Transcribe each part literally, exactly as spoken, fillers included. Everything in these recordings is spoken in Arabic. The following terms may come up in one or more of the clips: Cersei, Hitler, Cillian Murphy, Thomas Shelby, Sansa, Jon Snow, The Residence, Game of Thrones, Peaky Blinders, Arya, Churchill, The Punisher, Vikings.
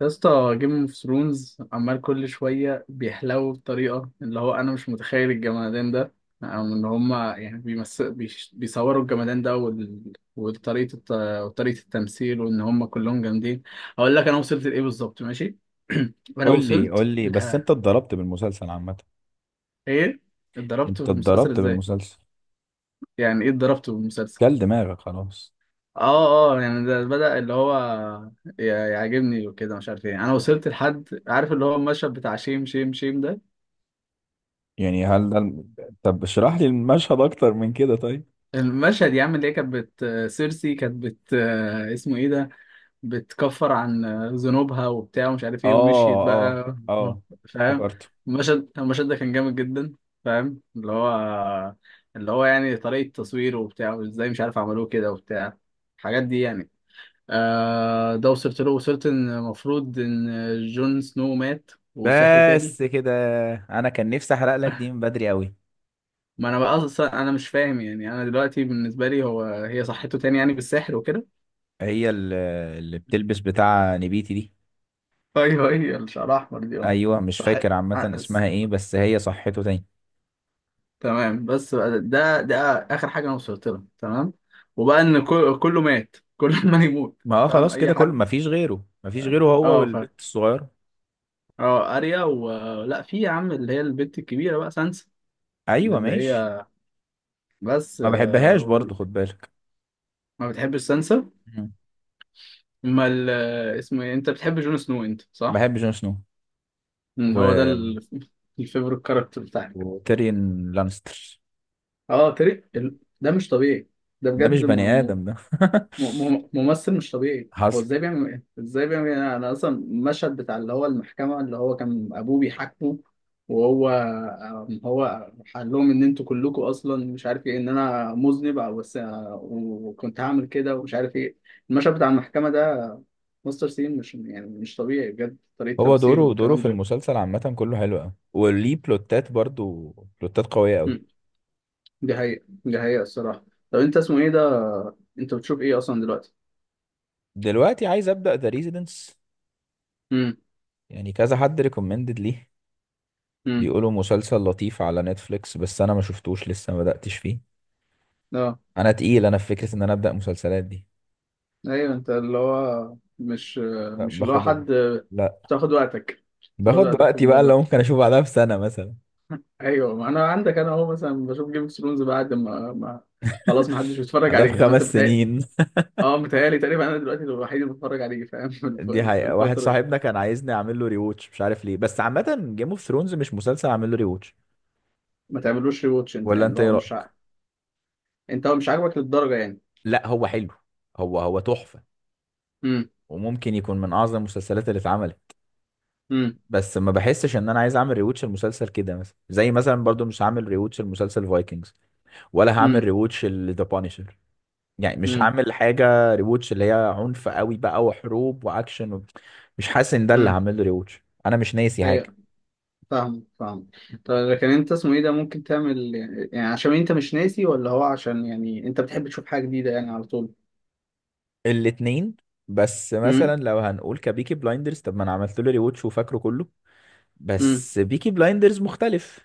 يا اسطى جيم اوف ثرونز عمال كل شويه بيحلو بطريقه اللي هو، انا مش متخيل الجمدان ده او ان هما يعني بيمس... بيش... بيصوروا الجمدان ده وال... وطريقه الت... وطريقه التمثيل وان هما كلهم جامدين. هقول لك انا وصلت لايه بالظبط، ماشي؟ انا قول لي قول وصلت لي بس انت لها. اتضربت بالمسلسل عامة. ايه اتضربت انت في المسلسل اتضربت ازاي؟ بالمسلسل. يعني ايه اتضربت في المسلسل؟ كل دماغك خلاص. اه اه، يعني ده بدأ اللي هو ي- يعجبني وكده، مش عارف ايه. انا وصلت لحد، عارف اللي هو المشهد بتاع شيم شيم شيم ده؟ يعني هل ده الم- طب اشرح لي المشهد اكتر من كده طيب. المشهد يا عم اللي هي كانت بت، سيرسي كانت بت، اسمه ايه ده، بتكفر عن ذنوبها وبتاع ومش عارف ايه، ومشيت اه، اه، بقى. اه، فاهم؟ افتكرته. المشهد المشهد ده كان جامد جدا. فاهم؟ اللي هو، اللي هو يعني طريقة تصويره وبتاع، وازاي مش عارف عملوه كده وبتاع، الحاجات دي يعني. آه، ده وصلت له. وصلت ان المفروض ان جون سنو مات وصحي تاني. بس كده. انا كان نفسي احرق لك دي من بدري قوي. ما انا بقى اصلا انا مش فاهم، يعني انا دلوقتي بالنسبة لي هو، هي صحته تاني يعني بالسحر وكده؟ هي ال- اللي بتلبس بتاع نبيتي دي؟ ايوه، هي الشعر احمر دي، اه. ايوه، مش صح. فاكر عامة ع- س- اسمها ايه، بس هي صحته تاني؟ تمام. بس بقى ده ده اخر حاجه انا وصلت لها، تمام. وبقى ان كل- كله مات، كل ما يموت. ما اه، فاهم خلاص اي كده، كل ما حد؟ فيش غيره ما فيش غيره، هو اه فاهم. والبنت الصغيرة. اه، اريا و، لا في يا عم اللي هي البنت الكبيره بقى، سانسا. ايوه اللي ماشي. هي، بس ما آه، بحبهاش برضه، وال... خد بالك. ما بتحبش سانسا؟ ما ال... اسمه ايه، انت بتحب جون سنو انت، صح؟ بحب جون سنو مم، هو ده و... ال... الفيفوريت كاركتر بتاعك. وتيريون لانستر. اه تري ال... ده مش طبيعي، ده ده مش بجد. بني آدم ده م- م- ممثل مش طبيعي. هو حصل. ازاي بيعمل ايه، ازاي بيعمل ايه؟ انا اصلا المشهد بتاع اللي هو المحكمه، اللي هو كان ابوه بيحاكمه، وهو هو قال لهم ان انتوا كلكم اصلا مش عارف ايه، ان انا مذنب او بس آه، وكنت هعمل كده ومش عارف ايه. المشهد بتاع المحكمه ده، مستر سين، مش يعني مش طبيعي بجد طريقه هو تمثيله دوره دوره والكلام في ده. المسلسل عامة كله حلو قوي وليه بلوتات برضو، بلوتات قوية قوي. م، دي حقيقه، دي حقيقه الصراحه. طب انت اسمه ايه ده، انت بتشوف ايه اصلا دلوقتي؟ دلوقتي عايز أبدأ ذا ريزيدنس. امم يعني كذا حد ريكومندد ليه. امم بيقولوا مسلسل لطيف على نتفليكس، بس أنا ما شفتوش لسه، ما بدأتش فيه. اه. أنا تقيل، أنا في فكرة إن أنا أبدأ مسلسلات دي. ايوه، انت اللي هو مش، لا، مش اللي هو باخد ال... حد لا بتاخد وقتك، بتاخد باخد وقتك في وقتي بقى اللي الموضوع. ممكن أشوف بعدها بسنة مثلا. ايوه، ما انا عندك، انا اهو مثلا بشوف جيم اوف ثرونز بعد ما, ما خلاص ما حدش بيتفرج بعدها عليه. انا، انت بخمس بتهيأ سنين. اه، متهيألي تقريبا انا دلوقتي الوحيد اللي بتفرج عليه، فاهم؟ في الف- دي في حقيقة، واحد الفتره دي. صاحبنا كان عايزني اعمل له ريوتش مش عارف ليه، بس عامة جيم اوف ثرونز مش مسلسل اعمل له ريوتش. ما تعملوش ري واتش انت، ولا يعني انت اللي ايه هو مش ع... رأيك؟ انت هو مش عاجبك للدرجه يعني؟ لا، هو حلو. هو هو تحفة. امم وممكن يكون من اعظم المسلسلات اللي اتعملت. امم بس ما بحسش ان انا عايز اعمل ريوتش المسلسل كده، مثلا زي مثلا برضو مش هعمل ريوتش المسلسل فايكنجز. ولا هعمل ريوتش ذا بانشر. يعني مش امم هعمل حاجة ريوتش اللي هي عنف قوي بقى وحروب واكشن و... مش حاسس ان ده اللي امم هعمل له ريوتش، انا مش ناسي حاجة. فاهم فاهم. طيب لكن انت اسمه ايه ده، ممكن تعمل يعني، عشان انت مش ناسي، ولا هو عشان يعني انت بتحب تشوف حاجه جديده يعني على طول؟ الاتنين. بس امم مثلا لو هنقول كبيكي بلايندرز طب ما انا عملت له ريوتش وفاكره كله. امم بس بيكي بلايندرز مختلف.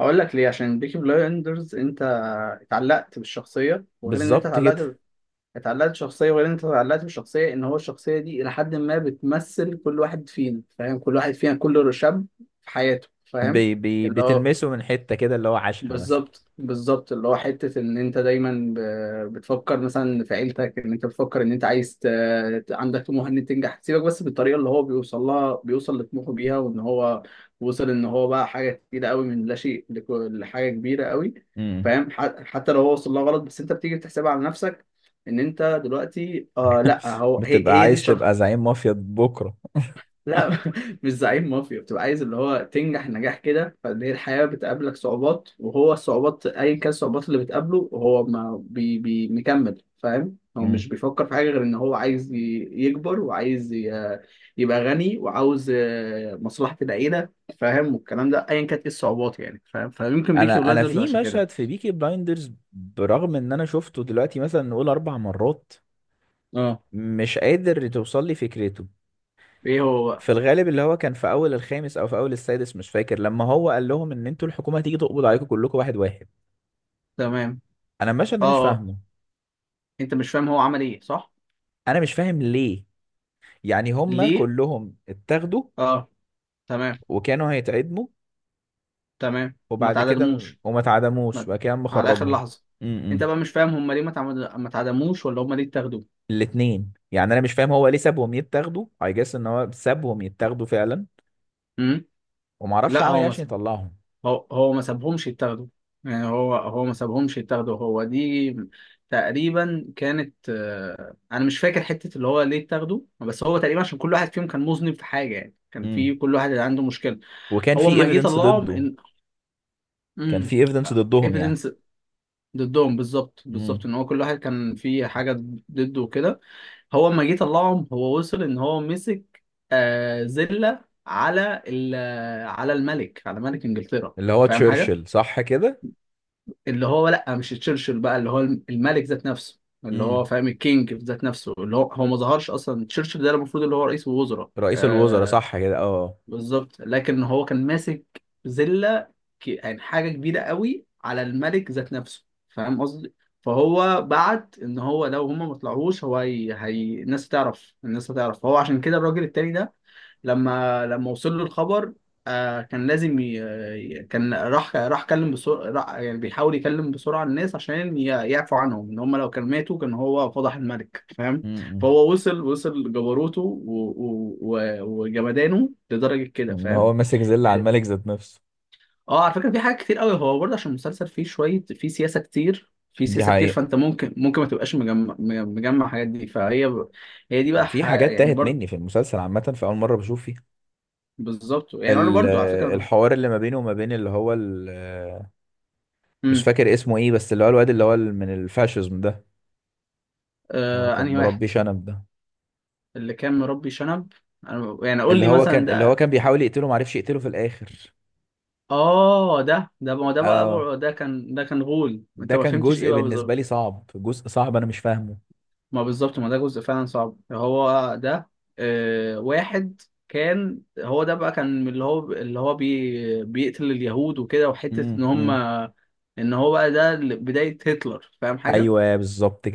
هقول لك ليه، عشان بيكي بلايندرز انت اتعلقت بالشخصيه، وغير ان انت بالظبط كده. اتعلقت، اتعلقت بالشخصيه، وغير ان انت اتعلقت بالشخصيه، ان هو الشخصيه دي الى حد ما بتمثل كل واحد فينا. فاهم؟ كل واحد فينا، كل شاب في حياته. فاهم؟ بي بي اللي هو، بتلمسه من حتة كده اللي هو عاشها مثلا. بالظبط بالظبط، اللي هو حتة إن أنت دايما ب- بتفكر مثلا في عيلتك، إن أنت بتفكر إن أنت عايز ت... ت- عندك طموح إن أنت تنجح، سيبك بس بالطريقة اللي هو بيوصل لها، بيوصل لطموحه بيها، وإن هو وصل إن هو بقى حاجة كتيرة قوي، من لا شيء لك- لحاجة كبيرة قوي. امم. فاهم؟ ح- حتى لو هو وصل لها غلط، بس أنت بتيجي بتحسبها على نفسك. إن أنت دلوقتي، آه لأ، هو هي, بتبقى هي دي. عايز تبقى زعيم مافيا بكرة. لا، مش زعيم مافيا، بتبقى عايز اللي هو تنجح نجاح كده. فان هي الحياة بتقابلك صعوبات، وهو الصعوبات ايا كان الصعوبات اللي بتقابله، هو ما بي بي مكمل. فاهم؟ هو امم. مش بيفكر في حاجة غير ان هو عايز ي- يكبر، وعايز ي- يبقى غني، وعاوز آه، مصلحة العيلة. فاهم؟ والكلام ده ايا كانت ايه الصعوبات يعني. فاهم؟ فيمكن بيكي انا انا بلايندرز في عشان كده. مشهد في بيكي بلايندرز، برغم ان انا شفته دلوقتي مثلا نقول اربع مرات، اه، مش قادر توصل لي فكرته. ايه هو بقى؟ في الغالب اللي هو كان في اول الخامس او في اول السادس مش فاكر، لما هو قال لهم ان انتوا الحكومه هتيجي تقبض عليكم كلكم واحد واحد. تمام. انا المشهد ده اه مش آه. فاهمه. انت مش فاهم هو عمل ايه، صح؟ انا مش فاهم ليه. يعني هما ليه، كلهم اتاخدوا اه، تمام. وكانوا هيتعدموا تمام، وما وبعد كده م- تعادلوش، وما اتعدموش مثلا، وبعد كده قام على اخر مخرجهم. لحظه. انت امم. بقى مش فاهم هم ليه ما تعمد- ما اتعدموش، ولا هم ليه اتاخدوا؟ الاتنين، يعني انا مش فاهم هو ليه سابهم يتاخدوا، اي جاس ان هو سابهم يتاخدوا فعلا امم، ومعرفش لا عمل هو ايه عشان مثلا، يطلعهم. هو هو ما سابهمش يتاخدوا، يعني هو هو ما سابهمش يتاخدوا. هو دي تقريبا كانت، آه، انا مش فاكر حته اللي هو ليه اتاخدوا، بس هو تقريبا عشان كل واحد فيهم كان مذنب في حاجه يعني، كان امم. في كل واحد عنده مشكله. وكان هو في اما جه ايفيدنس طلعهم ضده. ان، كان امم، في ايفيدنس ضدهم يعني. evidence ضدهم. بالظبط بالظبط، امم. ان هو كل واحد كان في حاجه ضده وكده. هو لما جه طلعهم، هو وصل ان هو مسك آه زله على ال- على الملك، على ملك انجلترا، اللي هو فاهم حاجه؟ تشرشل صح كده؟ اللي هو لا، مش تشرشل بقى، اللي هو الملك ذات نفسه، اللي هو فاهم، الكينج ذات نفسه. اللي هو هو ما ظهرش اصلا تشرشل ده، المفروض اللي هو رئيس الوزراء. رئيس الوزراء صح كده، اه. بالظبط، لكن هو كان ماسك زلة، ك- يعني حاجة كبيرة قوي على الملك ذات نفسه، فاهم قصدي؟ فهو بعت ان هو لو هما ما طلعوش، هو هي... هي... الناس هتعرف، الناس هتعرف. فهو عشان كده الراجل التاني ده، لما لما وصل له الخبر، آه، كان لازم ي... ي- كان راح راح كلم بسرعة، يعني بيحاول يكلم بسرعة الناس عشان ي... يعفوا عنهم، ان هم لو كان ماتوا كان هو فضح الملك. فاهم؟ امم. فهو وصل، وصل جبروته و... و... و... وجمدانه لدرجة كده، ان فاهم؟ هو ماسك زل على الملك ذات نفسه. اه، على فكرة في حاجات كتير قوي هو برضه، عشان المسلسل فيه شوية فيه سياسة كتير، في دي سياسة كتير، حقيقة. فانت ممكن ممكن ما تبقاش مجمع، مجمع الحاجات دي. فهي ب... هي دي بقى في ح... حاجات يعني تاهت برضه، مني في المسلسل عامة في أول مرة بشوف فيها. بالظبط يعني، انا ال- برضه على فكرة. الحوار اللي ما بينه وما بين اللي هو ال- مش مم. فاكر اسمه ايه، بس اللي هو الواد اللي هو ال- من الفاشيزم ده. اللي هو آه، كان انهي واحد؟ مربي شنب ده. اللي كان مربي شنب؟ أنا يعني قول اللي لي هو مثلا كان اللي هو ده. كان بيحاول يقتله، ما عرفش يقتله في الآخر. اه، ده ده ما ده بقى اه، بقى- ده كان ده كان غول، انت ده ما كان فهمتش ايه جزء بقى بالنسبة لي بالظبط؟ صعب، جزء صعب أنا مش فاهمه. ما بالظبط، ما ده جزء فعلا صعب، هو ده. آه، واحد كان هو ده بقى، كان اللي هو، اللي هو بي بيقتل اليهود وكده، وحتة امم، ان هم، امم. ان هو بقى ده بداية هتلر، فاهم حاجة؟ أيوه بالظبط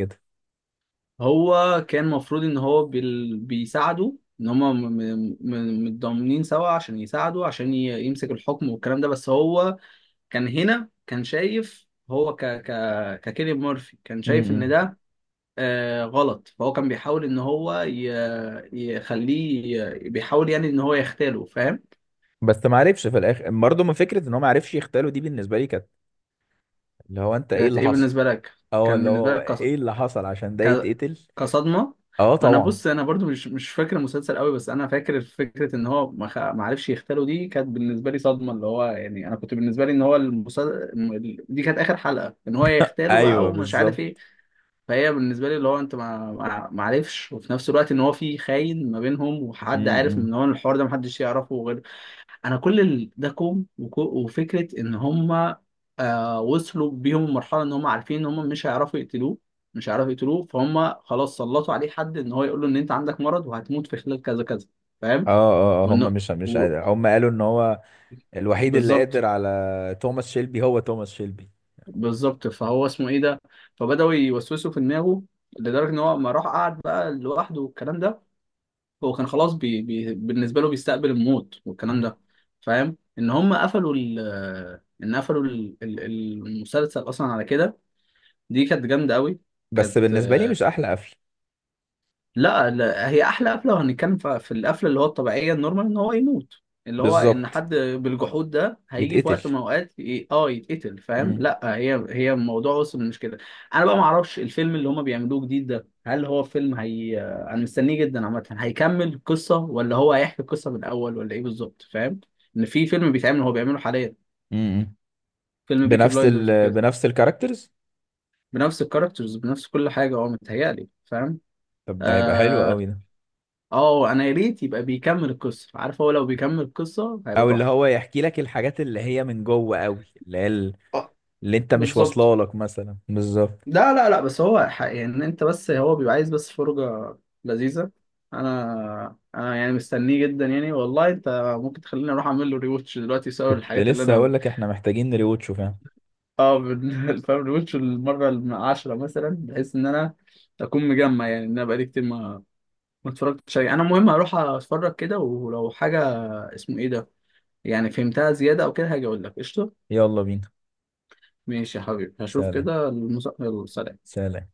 هو كان المفروض ان هو بال... بيساعده، ان هما م... م... م- متضامنين سوا عشان يساعده، عشان ي... يمسك الحكم والكلام ده. بس هو كان هنا كان شايف، هو ك... ك... ككيليان مورفي كان شايف كده. ان ده آه غلط. فهو كان بيحاول ان هو ي... يخليه ي... بيحاول يعني ان هو يختاله، فاهم؟ بس ما عرفش في الاخر برضه ما فكره ان هو ما عرفش يغتاله، دي بالنسبه لي كانت اللي هو انت ايه كانت اللي ايه حصل. بالنسبة لك؟ اه، كان اللي بالنسبة هو لك ايه اللي حصل عشان ده ك... يتقتل. كصدمه. اه ما انا طبعا. بص، انا برضو مش مش فاكر المسلسل قوي، بس انا فاكر فكره ان هو ما خ- ما عرفش يغتاله، دي كانت بالنسبه لي صدمه. اللي هو يعني انا كنت بالنسبه لي ان هو المسلسل دي كانت اخر حلقه ان هو يغتاله بقى، ايوه ومش عارف ايه. بالظبط. فهي بالنسبه لي اللي هو، انت ما ما ما عرفش، وفي نفس الوقت ان هو في خاين ما بينهم، وحد عارف امم. ان هو الحوار ده محدش يعرفه غير، انا كل ال- ده كوم، وك- وفكره ان هم آه وصلوا بيهم المرحله ان هم عارفين ان هم مش هيعرفوا يقتلوه، مش هيعرفوا يقتلوه. فهم خلاص سلطوا عليه حد، ان هو يقول له ان انت عندك مرض وهتموت في خلال كذا كذا. اه، فاهم؟ اه، آه، هم وانه مش مش و... قادر، هم قالوا ان هو الوحيد اللي قادر بالظبط على توماس شيلبي هو توماس شيلبي. بالظبط. فهو اسمه ايه ده، فبداوا يوسوسوا في دماغه لدرجه ان هو، ما راح قعد بقى لوحده والكلام ده. هو كان خلاص بي بي بالنسبه له بيستقبل الموت والكلام مم. ده. فاهم؟ ان هم قفلوا ال، ان قفلوا ال- ال- المسلسل اصلا على كده. دي كانت جامده قوي. بس كانت، بالنسبه لي مش احلى قفل. لا لا، هي احلى قفله. لو هنتكلم ف- في القفله اللي هو الطبيعيه النورمال، ان هو يموت، اللي هو ان بالظبط. حد بالجحود ده هيجي في يتقتل. وقت من الاوقات ي- اه يتقتل، فاهم؟ مم. لا، هي هي الموضوع وصل مش كده. انا بقى ما اعرفش الفيلم اللي هما بيعملوه جديد ده، هل هو فيلم، هي انا مستنيه جدا عامه، هيكمل قصه، ولا هو هيحكي القصه من الاول، ولا ايه بالظبط، فاهم؟ ان في فيلم بيتعمل، هو بيعمله حاليا، مم. فيلم بيكي بنفس بلايندرز ال وكده، بنفس الكاركترز. بنفس الكاركترز، بنفس كل حاجه، هو متهيألي، فاهم؟ طب ده هيبقى حلو آه، قوي ده. اه انا يا ريت يبقى بيكمل القصه، عارف؟ هو لو بيكمل القصه هيبقى او اللي تحفه. هو يحكي لك الحاجات اللي هي من جوه قوي اللي هي آه، اللي انت مش بالظبط. واصله لك مثلا، بالظبط. لا لا لا، بس هو ح- يعني إن انت، بس هو بيبقى عايز بس فرجة لذيذة. انا انا يعني مستنيه جدا يعني والله، انت ممكن تخليني اروح اعمل له ريوتش دلوقتي بسبب كنت الحاجات اللي لسه انا، هقول لك احنا محتاجين نريوتشو، فاهم. اه، بن- فاهم؟ ريوتش المرة العاشرة مثلا، بحيث ان انا اكون مجمع، يعني ان انا بقالي كتير ما ما اتفرجتش عليه. انا المهم هروح اتفرج كده، ولو حاجة اسمه ايه ده، يعني فهمتها زيادة او كده هاجي اقول لك، قشطة؟ يلا بينا. ماشي يا حبيبي، هشوف سلام. كده. المسا... السلام. سلام.